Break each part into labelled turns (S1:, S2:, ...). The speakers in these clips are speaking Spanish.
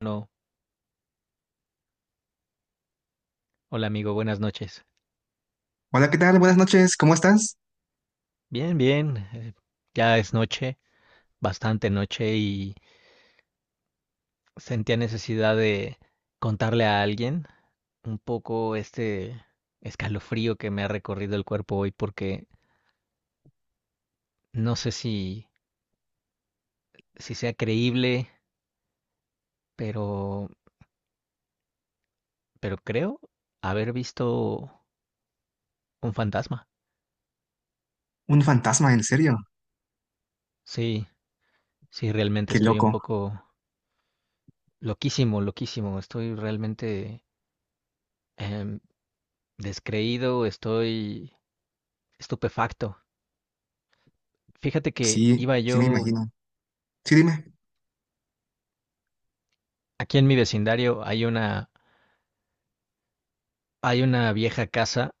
S1: Bueno, hola amigo, buenas noches.
S2: Hola, ¿qué tal? Buenas noches, ¿cómo estás?
S1: Bien, bien, ya es noche, bastante noche y sentía necesidad de contarle a alguien un poco este escalofrío que me ha recorrido el cuerpo hoy porque no sé si sea creíble, pero, pero creo haber visto un fantasma.
S2: Un fantasma, en serio.
S1: Sí, sí, realmente
S2: Qué
S1: estoy un
S2: loco.
S1: poco loquísimo, loquísimo, estoy realmente em, descreído, estoy estupefacto. Fíjate que
S2: Sí,
S1: iba
S2: sí me
S1: yo,
S2: imagino. Sí, dime.
S1: aquí en mi vecindario hay hay una vieja casa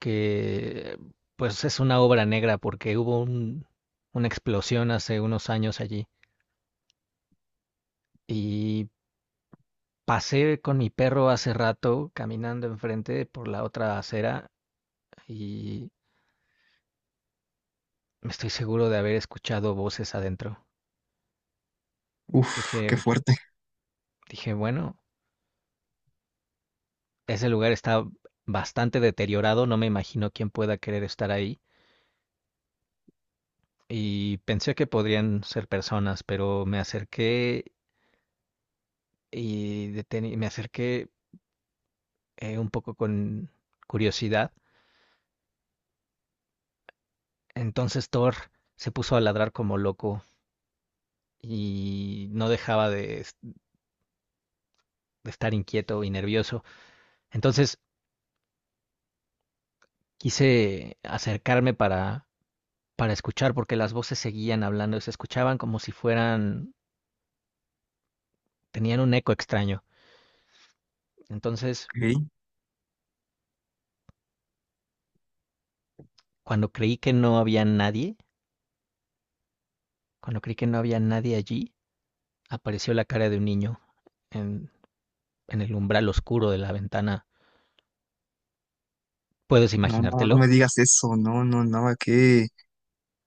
S1: que pues es una obra negra porque hubo una explosión hace unos años allí y pasé con mi perro hace rato caminando enfrente por la otra acera y me estoy seguro de haber escuchado voces adentro.
S2: Uf,
S1: Dije,
S2: qué fuerte.
S1: dije, bueno, ese lugar está bastante deteriorado, no me imagino quién pueda querer estar ahí y pensé que podrían ser personas, pero me acerqué y me acerqué un poco con curiosidad. Entonces Thor se puso a ladrar como loco y no dejaba de estar inquieto y nervioso. Entonces quise acercarme para escuchar porque las voces seguían hablando, se escuchaban como si fueran, tenían un eco extraño. Entonces,
S2: Ok.
S1: cuando creí que no había nadie, cuando creí que no había nadie allí, apareció la cara de un niño en, en el umbral oscuro de la ventana. ¿Puedes
S2: No, no, no me
S1: imaginártelo?
S2: digas eso. No, no, no. Qué,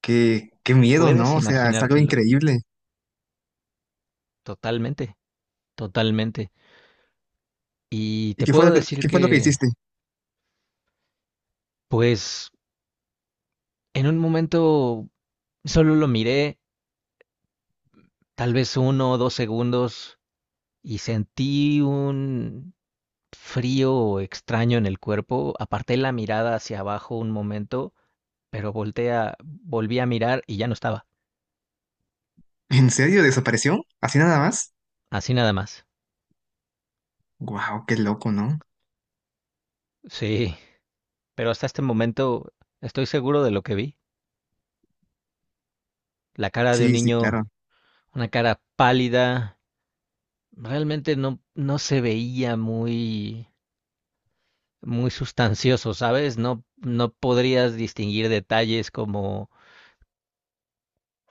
S2: qué, Qué miedo,
S1: ¿Puedes
S2: ¿no? O sea, es algo
S1: imaginártelo?
S2: increíble.
S1: Totalmente, totalmente. Y
S2: ¿Y
S1: te
S2: qué fue
S1: puedo
S2: lo
S1: decir
S2: que hiciste?
S1: pues, en un momento solo lo miré, tal vez uno o dos segundos, y sentí un frío extraño en el cuerpo. Aparté la mirada hacia abajo un momento, pero volví a mirar y ya no estaba.
S2: ¿En serio? ¿Desapareció? ¿Así nada más?
S1: Así nada más.
S2: Wow, qué loco, ¿no?
S1: Sí. Pero hasta este momento estoy seguro de lo que vi. La cara de un
S2: Sí, sí,
S1: niño,
S2: claro.
S1: una cara pálida, realmente no se veía muy, muy sustancioso, ¿sabes? No, no podrías distinguir detalles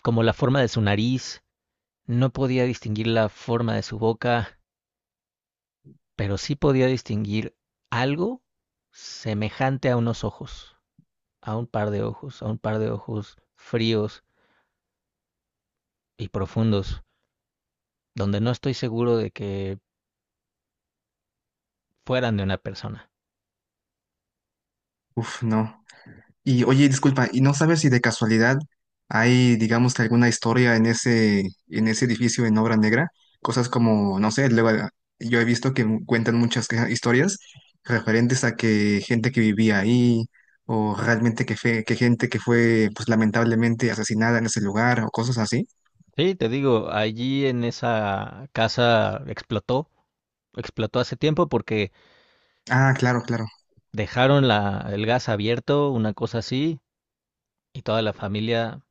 S1: como la forma de su nariz, no podía distinguir la forma de su boca, pero sí podía distinguir algo semejante a unos ojos, a un par de ojos, a un par de ojos fríos y profundos, donde no estoy seguro de que fueran de una persona.
S2: Uf, no. Y oye, disculpa, ¿y no sabes si de casualidad hay, digamos que alguna historia en en ese edificio en obra negra? Cosas como, no sé, luego yo he visto que cuentan muchas historias referentes a que gente que vivía ahí o realmente que gente que fue pues lamentablemente asesinada en ese lugar o cosas así.
S1: Sí, te digo, allí en esa casa explotó hace tiempo porque
S2: Ah, claro, claro.
S1: dejaron el gas abierto, una cosa así, y toda la familia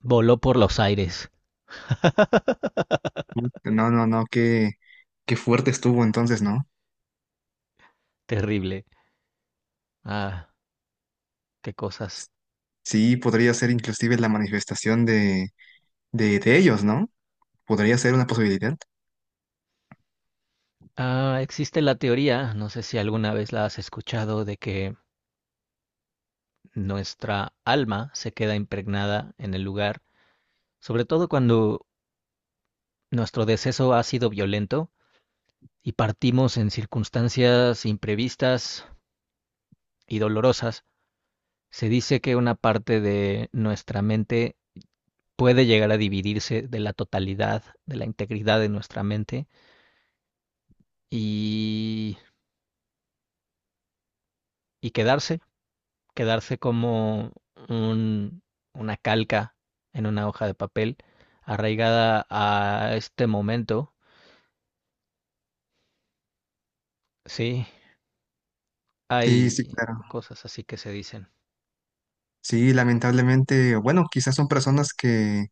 S1: voló por los aires.
S2: No, no, no, qué fuerte estuvo entonces, ¿no?
S1: Terrible. Ah, qué cosas.
S2: Sí, podría ser inclusive la manifestación de ellos, ¿no? Podría ser una posibilidad.
S1: Ah, existe la teoría, no sé si alguna vez la has escuchado, de que nuestra alma se queda impregnada en el lugar, sobre todo cuando nuestro deceso ha sido violento, y partimos en circunstancias imprevistas y dolorosas, se dice que una parte de nuestra mente puede llegar a dividirse de la totalidad, de la integridad de nuestra mente y, y quedarse, quedarse como un, una calca en una hoja de papel arraigada a este momento. Sí,
S2: Sí, sí,
S1: hay
S2: claro.
S1: cosas así que se dicen.
S2: Sí, lamentablemente, bueno, quizás son personas que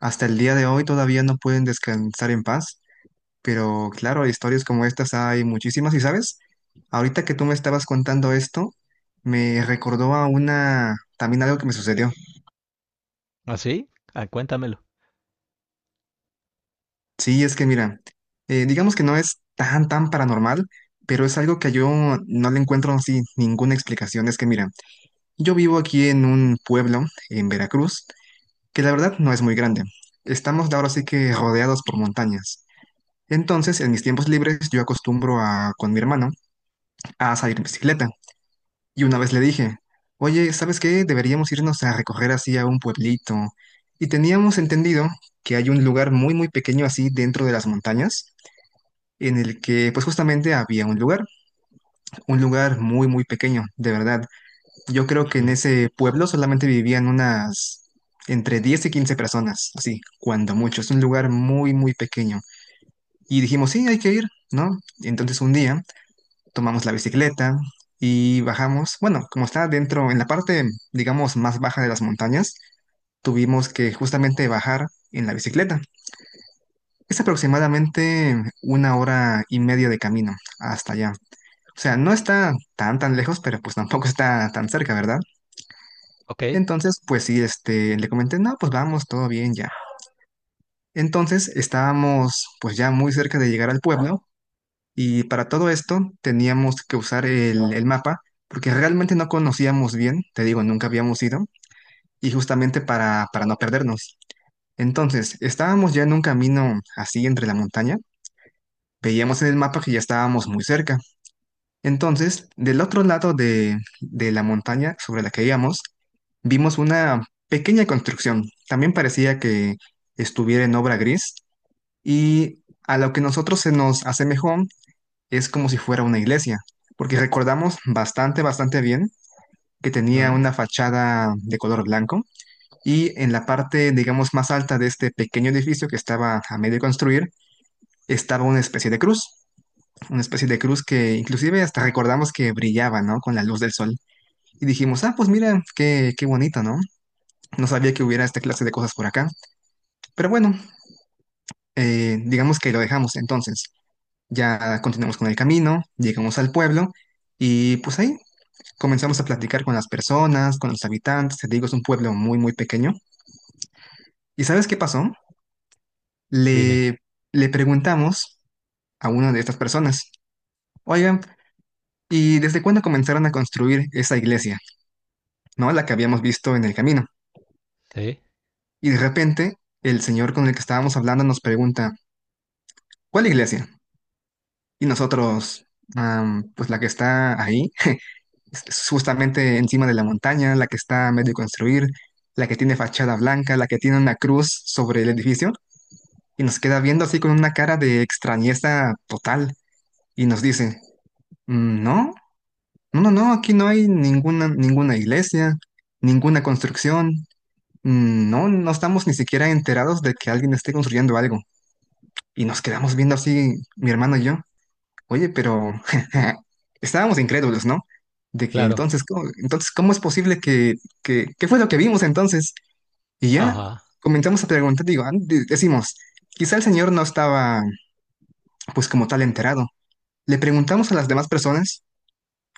S2: hasta el día de hoy todavía no pueden descansar en paz, pero claro, historias como estas hay muchísimas. Y sabes, ahorita que tú me estabas contando esto, me recordó también algo que me sucedió.
S1: ¿Así? ¿Ah, sí? Ah, cuéntamelo.
S2: Sí, es que mira, digamos que no es tan, tan paranormal, pero es algo que yo no le encuentro así ninguna explicación. Es que mira, yo vivo aquí en un pueblo, en Veracruz, que la verdad no es muy grande. Estamos ahora sí que rodeados por montañas. Entonces, en mis tiempos libres, yo acostumbro con mi hermano a salir en bicicleta. Y una vez le dije, oye, ¿sabes qué? Deberíamos irnos a recorrer así a un pueblito. Y teníamos entendido que hay un lugar muy, muy pequeño así dentro de las montañas, en el que pues justamente había un lugar muy, muy pequeño, de verdad. Yo creo que en
S1: Ujú.
S2: ese pueblo solamente vivían unas entre 10 y 15 personas, así, cuando mucho. Es un lugar muy, muy pequeño. Y dijimos, sí, hay que ir, ¿no? Entonces un día tomamos la bicicleta y bajamos. Bueno, como está dentro, en la parte, digamos, más baja de las montañas, tuvimos que justamente bajar en la bicicleta. Es aproximadamente una hora y media de camino hasta allá. O sea, no está tan, tan lejos, pero pues tampoco está tan cerca, ¿verdad?
S1: Ok.
S2: Entonces, pues sí, este, le comenté, no, pues vamos, todo bien ya. Entonces, estábamos pues ya muy cerca de llegar al pueblo y para todo esto teníamos que usar el mapa porque realmente no conocíamos bien, te digo, nunca habíamos ido y justamente para no perdernos. Entonces, estábamos ya en un camino así entre la montaña, veíamos en el mapa que ya estábamos muy cerca. Entonces, del otro lado de la montaña sobre la que íbamos, vimos una pequeña construcción. También parecía que estuviera en obra gris y a lo que nosotros se nos asemejó es como si fuera una iglesia, porque recordamos bastante, bastante bien que tenía
S1: Ujú.
S2: una fachada de color blanco y en la parte, digamos, más alta de este pequeño edificio que estaba a medio construir, estaba una especie de cruz, que inclusive hasta recordamos que brillaba, ¿no? Con la luz del sol. Y dijimos, ah, pues mira, qué bonito, ¿no? No sabía que hubiera esta clase de cosas por acá. Pero bueno, digamos que lo dejamos entonces. Ya continuamos con el camino, llegamos al pueblo y pues ahí comenzamos a platicar con las personas, con los habitantes. Te digo, es un pueblo muy, muy pequeño. ¿Y sabes qué pasó?
S1: Dime.
S2: Le, le preguntamos a una de estas personas, oigan, ¿y desde cuándo comenzaron a construir esa iglesia? ¿No? La que habíamos visto en el camino.
S1: Sí.
S2: Y de repente el señor con el que estábamos hablando nos pregunta, ¿Cuál iglesia? Y nosotros, pues la que está ahí, es justamente encima de la montaña, la que está a medio construir, la que tiene fachada blanca, la que tiene una cruz sobre el edificio, y nos queda viendo así con una cara de extrañeza total, y nos dice, "Mm, no, no, no, no, aquí no hay ninguna, iglesia, ninguna construcción. Mm, no, no estamos ni siquiera enterados de que alguien esté construyendo algo." Y nos quedamos viendo así, mi hermano y yo. Oye, pero estábamos incrédulos, ¿no? De que
S1: Claro,
S2: entonces, ¿cómo es posible que, qué fue lo que vimos entonces? Y ya
S1: ajá.
S2: comenzamos a preguntar, digo, ah, decimos, quizá el señor no estaba, pues como tal, enterado. Le preguntamos a las demás personas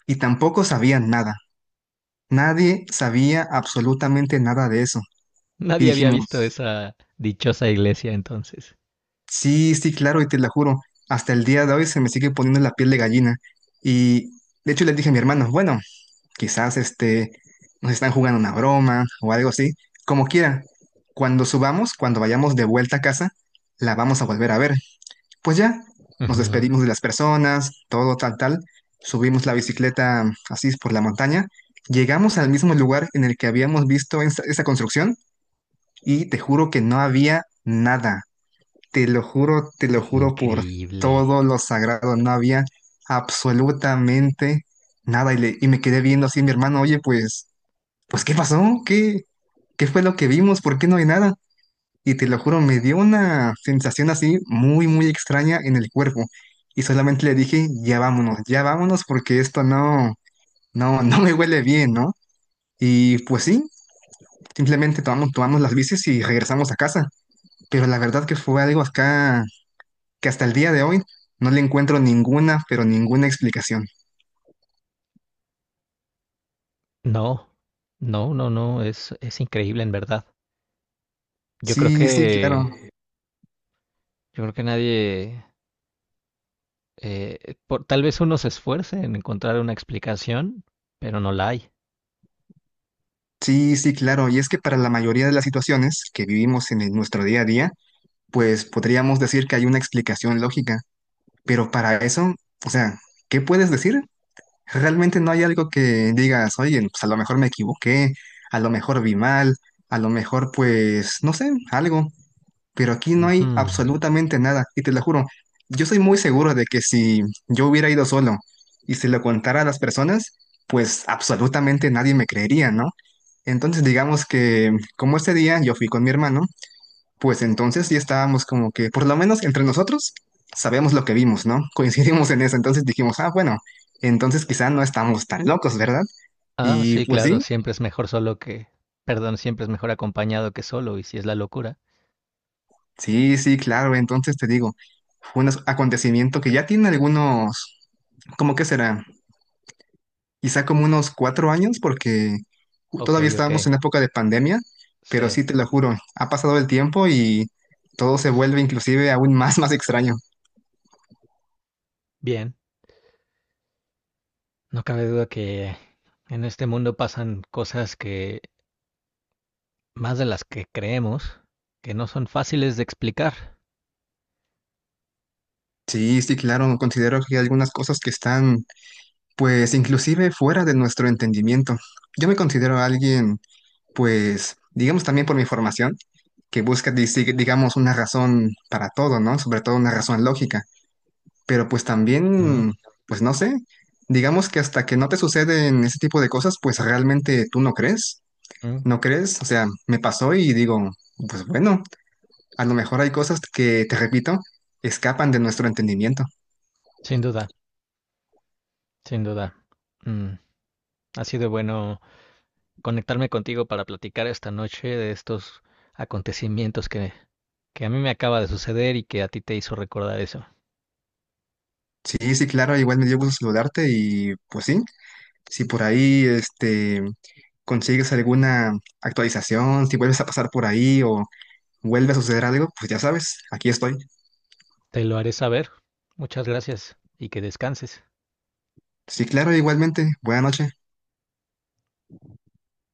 S2: y tampoco sabían nada. Nadie sabía absolutamente nada de eso. Y
S1: Nadie había visto
S2: dijimos,
S1: esa dichosa iglesia entonces.
S2: sí, sí, claro, y te la juro, hasta el día de hoy se me sigue poniendo la piel de gallina. Y de hecho le dije a mi hermano, bueno, quizás este, nos están jugando una broma o algo así, como quiera. Cuando subamos, cuando vayamos de vuelta a casa, la vamos a volver a ver. Pues ya, nos
S1: Ujú.
S2: despedimos de las personas, todo tal, tal, subimos la bicicleta así por la montaña, llegamos al mismo lugar en el que habíamos visto esa construcción y te juro que no había nada. Te lo juro por
S1: Increíble.
S2: todo lo sagrado, no había absolutamente nada. Y, y me quedé viendo así a mi hermano, oye, pues ¿qué pasó? ¿Qué fue lo que vimos? ¿Por qué no hay nada? Y te lo juro, me dio una sensación así muy, muy extraña en el cuerpo. Y solamente le dije, ya vámonos porque esto no, no, no me huele bien, ¿no? Y pues sí, simplemente tomamos las bicis y regresamos a casa. Pero la verdad que fue algo acá que hasta el día de hoy no le encuentro ninguna, pero ninguna explicación.
S1: No, no, no, no, es increíble en verdad. Yo creo
S2: Sí, sí, claro.
S1: yo creo que nadie, tal vez uno se esfuerce en encontrar una explicación, pero no la hay.
S2: Sí, sí, claro. Y es que para la mayoría de las situaciones que vivimos en nuestro día a día, pues podríamos decir que hay una explicación lógica, pero para eso, o sea, ¿qué puedes decir? Realmente no hay algo que digas, oye, pues a lo mejor me equivoqué, a lo mejor vi mal, a lo mejor pues, no sé, algo, pero aquí no
S1: Ujú.
S2: hay absolutamente nada, y te lo juro, yo soy muy seguro de que si yo hubiera ido solo y se lo contara a las personas, pues absolutamente nadie me creería, ¿no? Entonces digamos que como este día yo fui con mi hermano, pues entonces sí estábamos como que, por lo menos entre nosotros, sabemos lo que vimos, ¿no? Coincidimos en eso, entonces dijimos, ah, bueno, entonces quizá no estamos tan locos, ¿verdad?
S1: Ah,
S2: Y
S1: sí,
S2: pues
S1: claro,
S2: sí,
S1: siempre es mejor solo que, perdón, siempre es mejor acompañado que solo, y si es la locura.
S2: sí, sí, claro, entonces te digo, fue un acontecimiento que ya tiene algunos, ¿cómo que será? Quizá como unos 4 años, porque
S1: Ok,
S2: todavía
S1: ok,
S2: estábamos en época de pandemia, pero
S1: sí,
S2: sí te lo juro, ha pasado el tiempo y todo se vuelve inclusive aún más, más extraño.
S1: bien. No cabe duda que en este mundo pasan cosas que más de las que creemos, que no son fáciles de explicar.
S2: Sí, sí, claro, considero que hay algunas cosas que están pues inclusive fuera de nuestro entendimiento. Yo me considero alguien, pues, digamos también por mi formación, que busca, digamos, una razón para todo, ¿no? Sobre todo una razón lógica. Pero pues
S1: Ujú,
S2: también, pues no sé, digamos que hasta que no te suceden ese tipo de cosas, pues realmente tú no crees,
S1: ujú.
S2: no crees. O sea, me pasó y digo, pues bueno, a lo mejor hay cosas que, te repito, escapan de nuestro entendimiento.
S1: Sin duda, sin duda. Mm, ha sido bueno conectarme contigo para platicar esta noche de estos acontecimientos que a mí me acaba de suceder y que a ti te hizo recordar eso.
S2: Sí, sí, claro, igual me dio gusto saludarte y pues sí, si por ahí este, consigues alguna actualización, si vuelves a pasar por ahí o vuelve a suceder algo, pues ya sabes, aquí estoy.
S1: Te lo haré saber. Muchas gracias y que descanses.
S2: Sí, claro, igualmente, buena noche.